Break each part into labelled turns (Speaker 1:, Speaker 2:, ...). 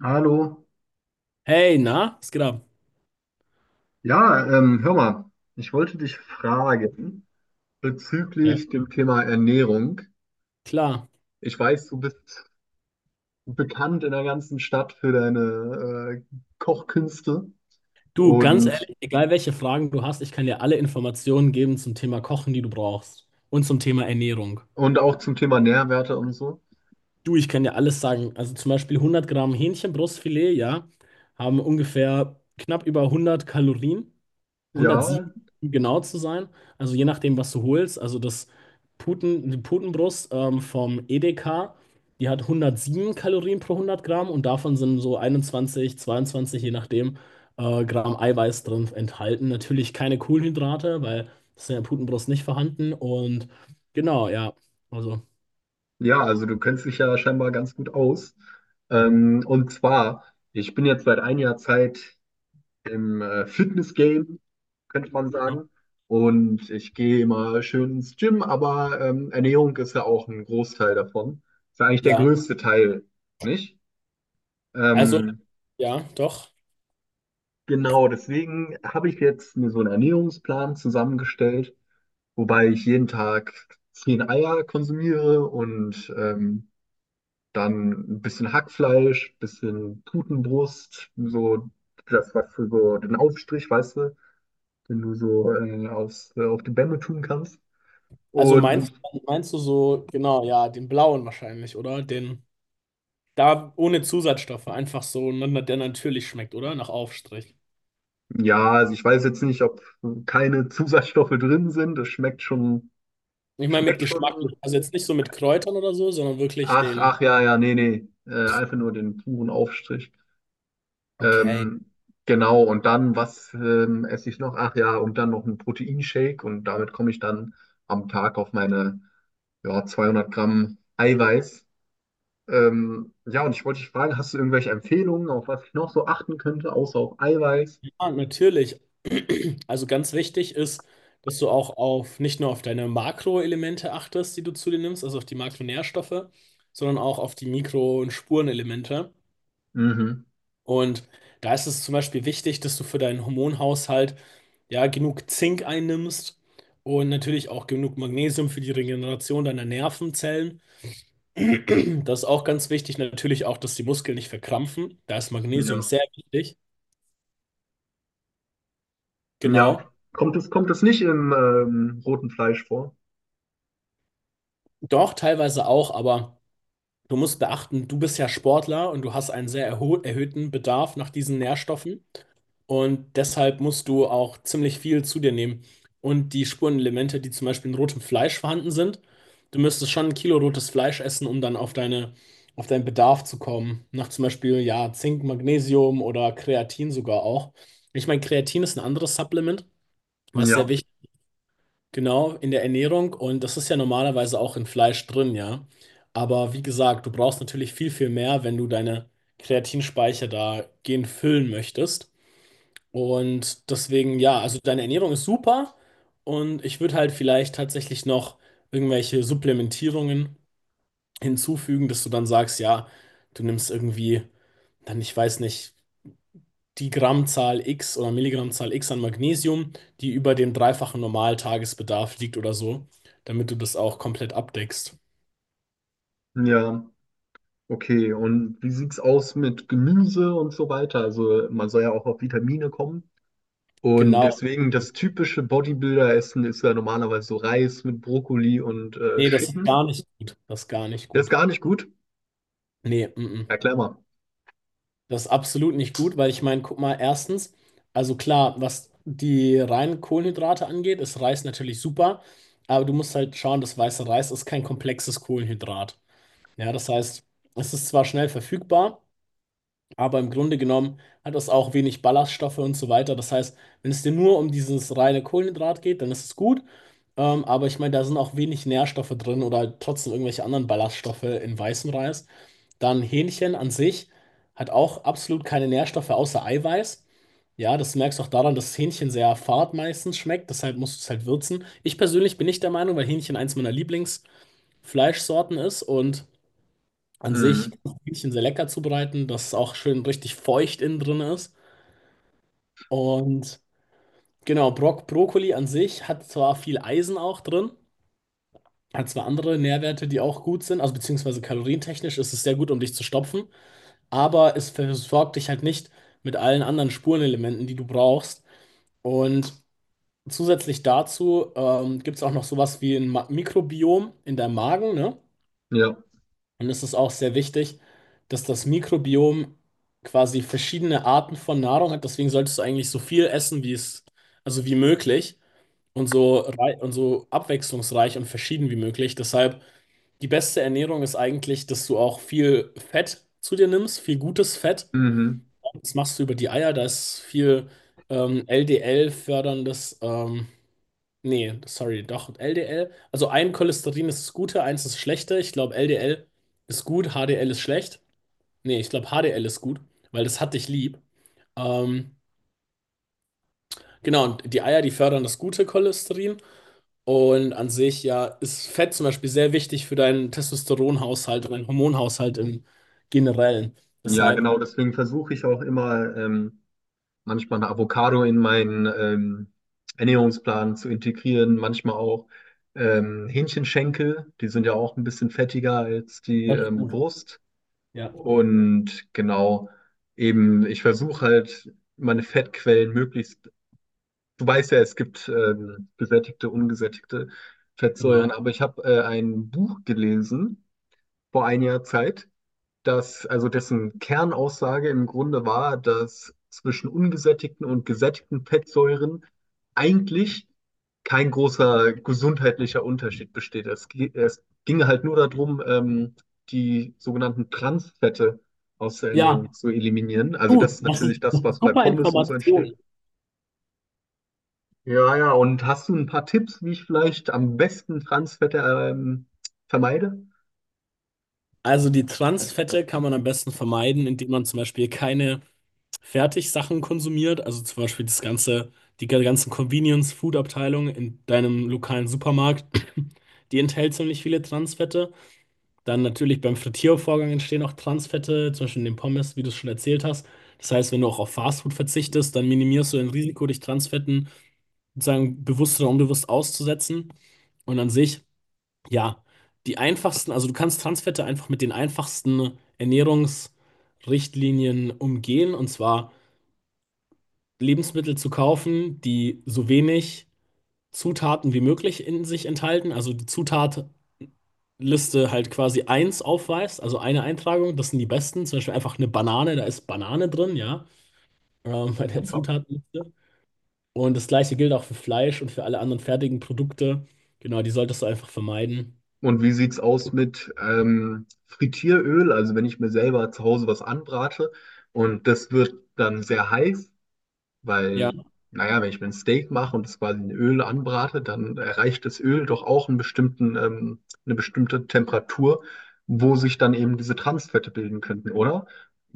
Speaker 1: Hallo.
Speaker 2: Hey, na, was geht ab?
Speaker 1: Ja, hör mal, ich wollte dich fragen
Speaker 2: Ja,
Speaker 1: bezüglich dem Thema Ernährung.
Speaker 2: klar.
Speaker 1: Ich weiß, du bist bekannt in der ganzen Stadt für deine Kochkünste
Speaker 2: Du, ganz
Speaker 1: und,
Speaker 2: ehrlich, egal welche Fragen du hast, ich kann dir alle Informationen geben zum Thema Kochen, die du brauchst. Und zum Thema Ernährung.
Speaker 1: und auch zum Thema Nährwerte und so.
Speaker 2: Du, ich kann dir alles sagen. Also zum Beispiel 100 Gramm Hähnchenbrustfilet, ja, haben ungefähr knapp über 100 Kalorien. 107,
Speaker 1: Ja,
Speaker 2: um genau zu sein. Also je nachdem, was du holst. Also das Puten, die Putenbrust vom Edeka, die hat 107 Kalorien pro 100 Gramm und davon sind so 21, 22, je nachdem, Gramm Eiweiß drin enthalten. Natürlich keine Kohlenhydrate, weil das ist in der Putenbrust nicht vorhanden. Und genau, ja. Also,
Speaker 1: ja, also du kennst dich ja scheinbar ganz gut aus. Und zwar, ich bin jetzt seit einiger Zeit im Fitness-Game, könnte man
Speaker 2: ja.
Speaker 1: sagen. Und ich gehe immer schön ins Gym, aber Ernährung ist ja auch ein Großteil davon. Ist ja eigentlich der
Speaker 2: Ja,
Speaker 1: größte Teil, nicht?
Speaker 2: also,
Speaker 1: Ähm,
Speaker 2: ja, doch.
Speaker 1: genau, deswegen habe ich jetzt mir so einen Ernährungsplan zusammengestellt, wobei ich jeden Tag 10 Eier konsumiere und dann ein bisschen Hackfleisch, bisschen Putenbrust, so das, was für so den Aufstrich, weißt du, den du so aufs, auf die Bämme tun kannst.
Speaker 2: Also
Speaker 1: Und
Speaker 2: meinst du so, genau, ja, den blauen wahrscheinlich, oder? Den. Da ohne Zusatzstoffe, einfach so, ne, der natürlich schmeckt, oder? Nach Aufstrich.
Speaker 1: ja, also ich weiß jetzt nicht, ob keine Zusatzstoffe drin sind. Das schmeckt schon,
Speaker 2: Ich meine mit
Speaker 1: schmeckt
Speaker 2: Geschmack,
Speaker 1: schon.
Speaker 2: also jetzt nicht so mit Kräutern oder so, sondern wirklich
Speaker 1: Ach,
Speaker 2: den.
Speaker 1: ach, ja, ja, nee, nee. Einfach nur den puren Aufstrich.
Speaker 2: Okay.
Speaker 1: Ähm, genau, und dann, was esse ich noch? Ach ja, und dann noch einen Proteinshake und damit komme ich dann am Tag auf meine, ja, 200 Gramm Eiweiß. Ja, und ich wollte dich fragen, hast du irgendwelche Empfehlungen, auf was ich noch so achten könnte, außer auf Eiweiß?
Speaker 2: Ja, natürlich. Also ganz wichtig ist, dass du auch auf nicht nur auf deine Makroelemente achtest, die du zu dir nimmst, also auf die Makronährstoffe, sondern auch auf die Mikro- und Spurenelemente.
Speaker 1: Mhm.
Speaker 2: Und da ist es zum Beispiel wichtig, dass du für deinen Hormonhaushalt ja genug Zink einnimmst und natürlich auch genug Magnesium für die Regeneration deiner Nervenzellen. Das ist auch ganz wichtig. Natürlich auch, dass die Muskeln nicht verkrampfen. Da ist Magnesium
Speaker 1: Ja.
Speaker 2: sehr wichtig.
Speaker 1: Ja,
Speaker 2: Genau.
Speaker 1: kommt es nicht im roten Fleisch vor?
Speaker 2: Doch, teilweise auch, aber du musst beachten, du bist ja Sportler und du hast einen sehr erhöhten Bedarf nach diesen Nährstoffen. Und deshalb musst du auch ziemlich viel zu dir nehmen. Und die Spurenelemente, die zum Beispiel in rotem Fleisch vorhanden sind, du müsstest schon ein Kilo rotes Fleisch essen, um dann auf auf deinen Bedarf zu kommen. Nach zum Beispiel, ja, Zink, Magnesium oder Kreatin sogar auch. Ich meine, Kreatin ist ein anderes Supplement, was sehr
Speaker 1: Ja,
Speaker 2: wichtig ist, genau, in der Ernährung. Und das ist ja normalerweise auch in Fleisch drin, ja. Aber wie gesagt, du brauchst natürlich viel, viel mehr, wenn du deine Kreatinspeicher da gehend füllen möchtest. Und deswegen, ja, also deine Ernährung ist super und ich würde halt vielleicht tatsächlich noch irgendwelche Supplementierungen hinzufügen, dass du dann sagst, ja, du nimmst irgendwie dann, ich weiß nicht, die Grammzahl X oder Milligrammzahl X an Magnesium, die über dem dreifachen Normaltagesbedarf liegt oder so, damit du das auch komplett abdeckst.
Speaker 1: ja, okay. Und wie sieht's aus mit Gemüse und so weiter? Also man soll ja auch auf Vitamine kommen. Und
Speaker 2: Genau.
Speaker 1: deswegen, das typische Bodybuilder-Essen ist ja normalerweise so Reis mit Brokkoli und
Speaker 2: Nee, das ist gar
Speaker 1: Chicken.
Speaker 2: nicht gut. Das ist gar nicht
Speaker 1: Das ist
Speaker 2: gut.
Speaker 1: gar nicht gut.
Speaker 2: Nee,
Speaker 1: Erklär mal.
Speaker 2: Das ist absolut nicht gut, weil ich meine, guck mal, erstens, also klar, was die reinen Kohlenhydrate angeht, ist Reis natürlich super, aber du musst halt schauen, das weiße Reis ist kein komplexes Kohlenhydrat. Ja, das heißt, es ist zwar schnell verfügbar, aber im Grunde genommen hat es auch wenig Ballaststoffe und so weiter. Das heißt, wenn es dir nur um dieses reine Kohlenhydrat geht, dann ist es gut, aber ich meine, da sind auch wenig Nährstoffe drin oder halt trotzdem irgendwelche anderen Ballaststoffe in weißem Reis. Dann Hähnchen an sich hat auch absolut keine Nährstoffe außer Eiweiß. Ja, das merkst du auch daran, dass Hähnchen sehr fad meistens schmeckt, deshalb musst du es halt würzen. Ich persönlich bin nicht der Meinung, weil Hähnchen eins meiner Lieblingsfleischsorten ist und an sich
Speaker 1: Mhm.
Speaker 2: kann ich Hähnchen sehr lecker zubereiten, dass es auch schön richtig feucht innen drin ist. Und genau, Brokkoli an sich hat zwar viel Eisen auch drin, hat zwar andere Nährwerte, die auch gut sind, also beziehungsweise kalorientechnisch ist es sehr gut, um dich zu stopfen, aber es versorgt dich halt nicht mit allen anderen Spurenelementen, die du brauchst. Und zusätzlich dazu gibt es auch noch sowas wie ein Mikrobiom in deinem Magen, ne?
Speaker 1: Ja.
Speaker 2: Und es ist auch sehr wichtig, dass das Mikrobiom quasi verschiedene Arten von Nahrung hat. Deswegen solltest du eigentlich so viel essen, also wie möglich und so so abwechslungsreich und verschieden wie möglich. Deshalb die beste Ernährung ist eigentlich, dass du auch viel Fett zu dir nimmst, viel gutes Fett.
Speaker 1: Mhm.
Speaker 2: Das machst du über die Eier, da ist viel LDL-förderndes. Nee, sorry, doch, LDL. Also ein Cholesterin ist das Gute, eins ist das Schlechte. Ich glaube, LDL ist gut, HDL ist schlecht. Nee, ich glaube, HDL ist gut, weil das hat dich lieb. Ähm, genau, und die Eier, die fördern das gute Cholesterin. Und an sich, ja, ist Fett zum Beispiel sehr wichtig für deinen Testosteronhaushalt und deinen Hormonhaushalt im Generellen.
Speaker 1: Ja,
Speaker 2: Deshalb,
Speaker 1: genau. Deswegen versuche ich auch immer, manchmal eine Avocado in meinen Ernährungsplan zu integrieren, manchmal auch Hähnchenschenkel, die sind ja auch ein bisschen fettiger als die
Speaker 2: das ist gut.
Speaker 1: Brust.
Speaker 2: Ja,
Speaker 1: Und genau, eben, ich versuche halt meine Fettquellen möglichst, du weißt ja, es gibt gesättigte, ungesättigte Fettsäuren,
Speaker 2: genau.
Speaker 1: aber ich habe ein Buch gelesen vor einiger Zeit, dass, also dessen Kernaussage im Grunde war, dass zwischen ungesättigten und gesättigten Fettsäuren eigentlich kein großer gesundheitlicher Unterschied besteht. Es, es ging halt nur darum, die sogenannten Transfette aus der Ernährung
Speaker 2: Ja,
Speaker 1: zu eliminieren. Also das
Speaker 2: du,
Speaker 1: ist
Speaker 2: das ist
Speaker 1: natürlich
Speaker 2: das
Speaker 1: das,
Speaker 2: ist
Speaker 1: was bei
Speaker 2: super
Speaker 1: Pommes und so entsteht.
Speaker 2: Information.
Speaker 1: Ja, ja, und hast du ein paar Tipps, wie ich vielleicht am besten Transfette vermeide?
Speaker 2: Also die Transfette kann man am besten vermeiden, indem man zum Beispiel keine Fertigsachen konsumiert. Also zum Beispiel die ganzen Convenience-Food-Abteilungen in deinem lokalen Supermarkt, die enthält ziemlich viele Transfette. Dann natürlich beim Frittiervorgang entstehen auch Transfette, zum Beispiel in den Pommes, wie du es schon erzählt hast. Das heißt, wenn du auch auf Fastfood verzichtest, dann minimierst du dein Risiko, dich Transfetten sozusagen bewusst oder unbewusst auszusetzen. Und an sich, ja, die einfachsten, also du kannst Transfette einfach mit den einfachsten Ernährungsrichtlinien umgehen, und zwar Lebensmittel zu kaufen, die so wenig Zutaten wie möglich in sich enthalten. Also die Zutatliste halt quasi eins aufweist, also eine Eintragung, das sind die besten. Zum Beispiel einfach eine Banane, da ist Banane drin, ja, bei der
Speaker 1: Ja.
Speaker 2: Zutatenliste. Und das gleiche gilt auch für Fleisch und für alle anderen fertigen Produkte. Genau, die solltest du einfach vermeiden.
Speaker 1: Und wie sieht's aus mit Frittieröl? Also wenn ich mir selber zu Hause was anbrate und das wird dann sehr heiß,
Speaker 2: Ja.
Speaker 1: weil, naja, wenn ich mir ein Steak mache und das quasi in Öl anbrate, dann erreicht das Öl doch auch einen bestimmten, eine bestimmte Temperatur, wo sich dann eben diese Transfette bilden könnten, oder?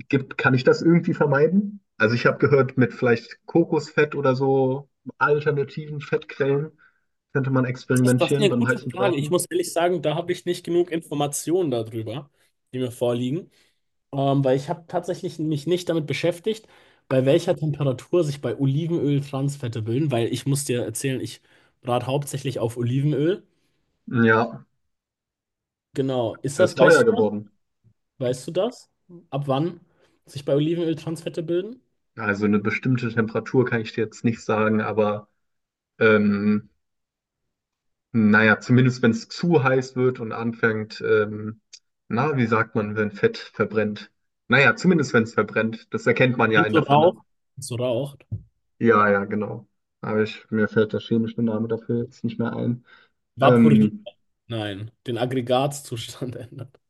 Speaker 1: Kann ich das irgendwie vermeiden? Also ich habe gehört, mit vielleicht Kokosfett oder so alternativen Fettquellen könnte man
Speaker 2: Das ist
Speaker 1: experimentieren
Speaker 2: eine
Speaker 1: beim
Speaker 2: gute
Speaker 1: heißen
Speaker 2: Frage. Ich
Speaker 1: Braten.
Speaker 2: muss ehrlich sagen, da habe ich nicht genug Informationen darüber, die mir vorliegen, weil ich habe tatsächlich mich nicht damit beschäftigt, bei welcher Temperatur sich bei Olivenöl Transfette bilden, weil ich muss dir erzählen, ich brate hauptsächlich auf Olivenöl.
Speaker 1: Ja.
Speaker 2: Genau. Ist
Speaker 1: Es
Speaker 2: das,
Speaker 1: ist teuer
Speaker 2: weißt du das?
Speaker 1: geworden.
Speaker 2: Weißt du das? Ab wann sich bei Olivenöl Transfette bilden?
Speaker 1: Also eine bestimmte Temperatur kann ich dir jetzt nicht sagen, aber ähm, naja, zumindest wenn es zu heiß wird und anfängt, na, wie sagt man, wenn Fett verbrennt? Naja, zumindest wenn es verbrennt. Das erkennt man ja
Speaker 2: Wenn es
Speaker 1: in
Speaker 2: so
Speaker 1: der Pfanne.
Speaker 2: raucht, wenn es so raucht,
Speaker 1: Ja, ja, genau. Aber ich, mir fällt der chemische Name dafür jetzt nicht mehr ein.
Speaker 2: vaporiert,
Speaker 1: Ähm,
Speaker 2: nein, den Aggregatzustand ändert.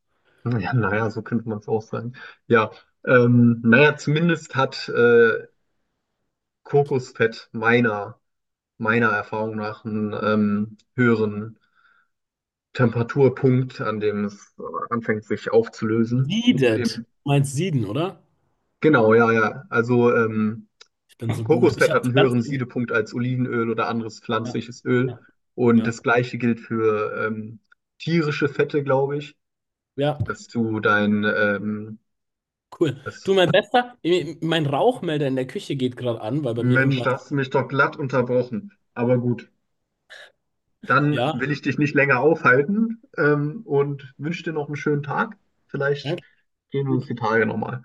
Speaker 1: ja, naja, so könnte man es auch sagen. Ja, naja, zumindest hat Kokosfett meiner Erfahrung nach einen höheren Temperaturpunkt, an dem es anfängt, sich aufzulösen. Und
Speaker 2: Siedet.
Speaker 1: eben,
Speaker 2: Meinst sieden, oder?
Speaker 1: genau, ja, ja. Also
Speaker 2: Ich bin so gut. Ich
Speaker 1: Kokosfett
Speaker 2: habe
Speaker 1: hat einen
Speaker 2: die
Speaker 1: höheren
Speaker 2: ganze.
Speaker 1: Siedepunkt als Olivenöl oder anderes
Speaker 2: Ja,
Speaker 1: pflanzliches Öl.
Speaker 2: ja,
Speaker 1: Und
Speaker 2: ja,
Speaker 1: das Gleiche gilt für tierische Fette, glaube ich,
Speaker 2: ja,
Speaker 1: dass du dein,
Speaker 2: cool.
Speaker 1: das,
Speaker 2: Du, mein Bester, eh, mein Rauchmelder in der Küche geht gerade an, weil bei mir
Speaker 1: Mensch,
Speaker 2: irgendwas.
Speaker 1: da hast du mich doch glatt unterbrochen. Aber gut. Dann
Speaker 2: Ja,
Speaker 1: will ich dich nicht länger aufhalten, und wünsche dir noch einen schönen Tag. Vielleicht
Speaker 2: danke.
Speaker 1: sehen wir uns
Speaker 2: Gut.
Speaker 1: die Tage nochmal.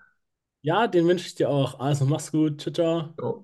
Speaker 2: Ja, den wünsche ich dir auch. Also, mach's gut. Ciao, ciao.
Speaker 1: Ja.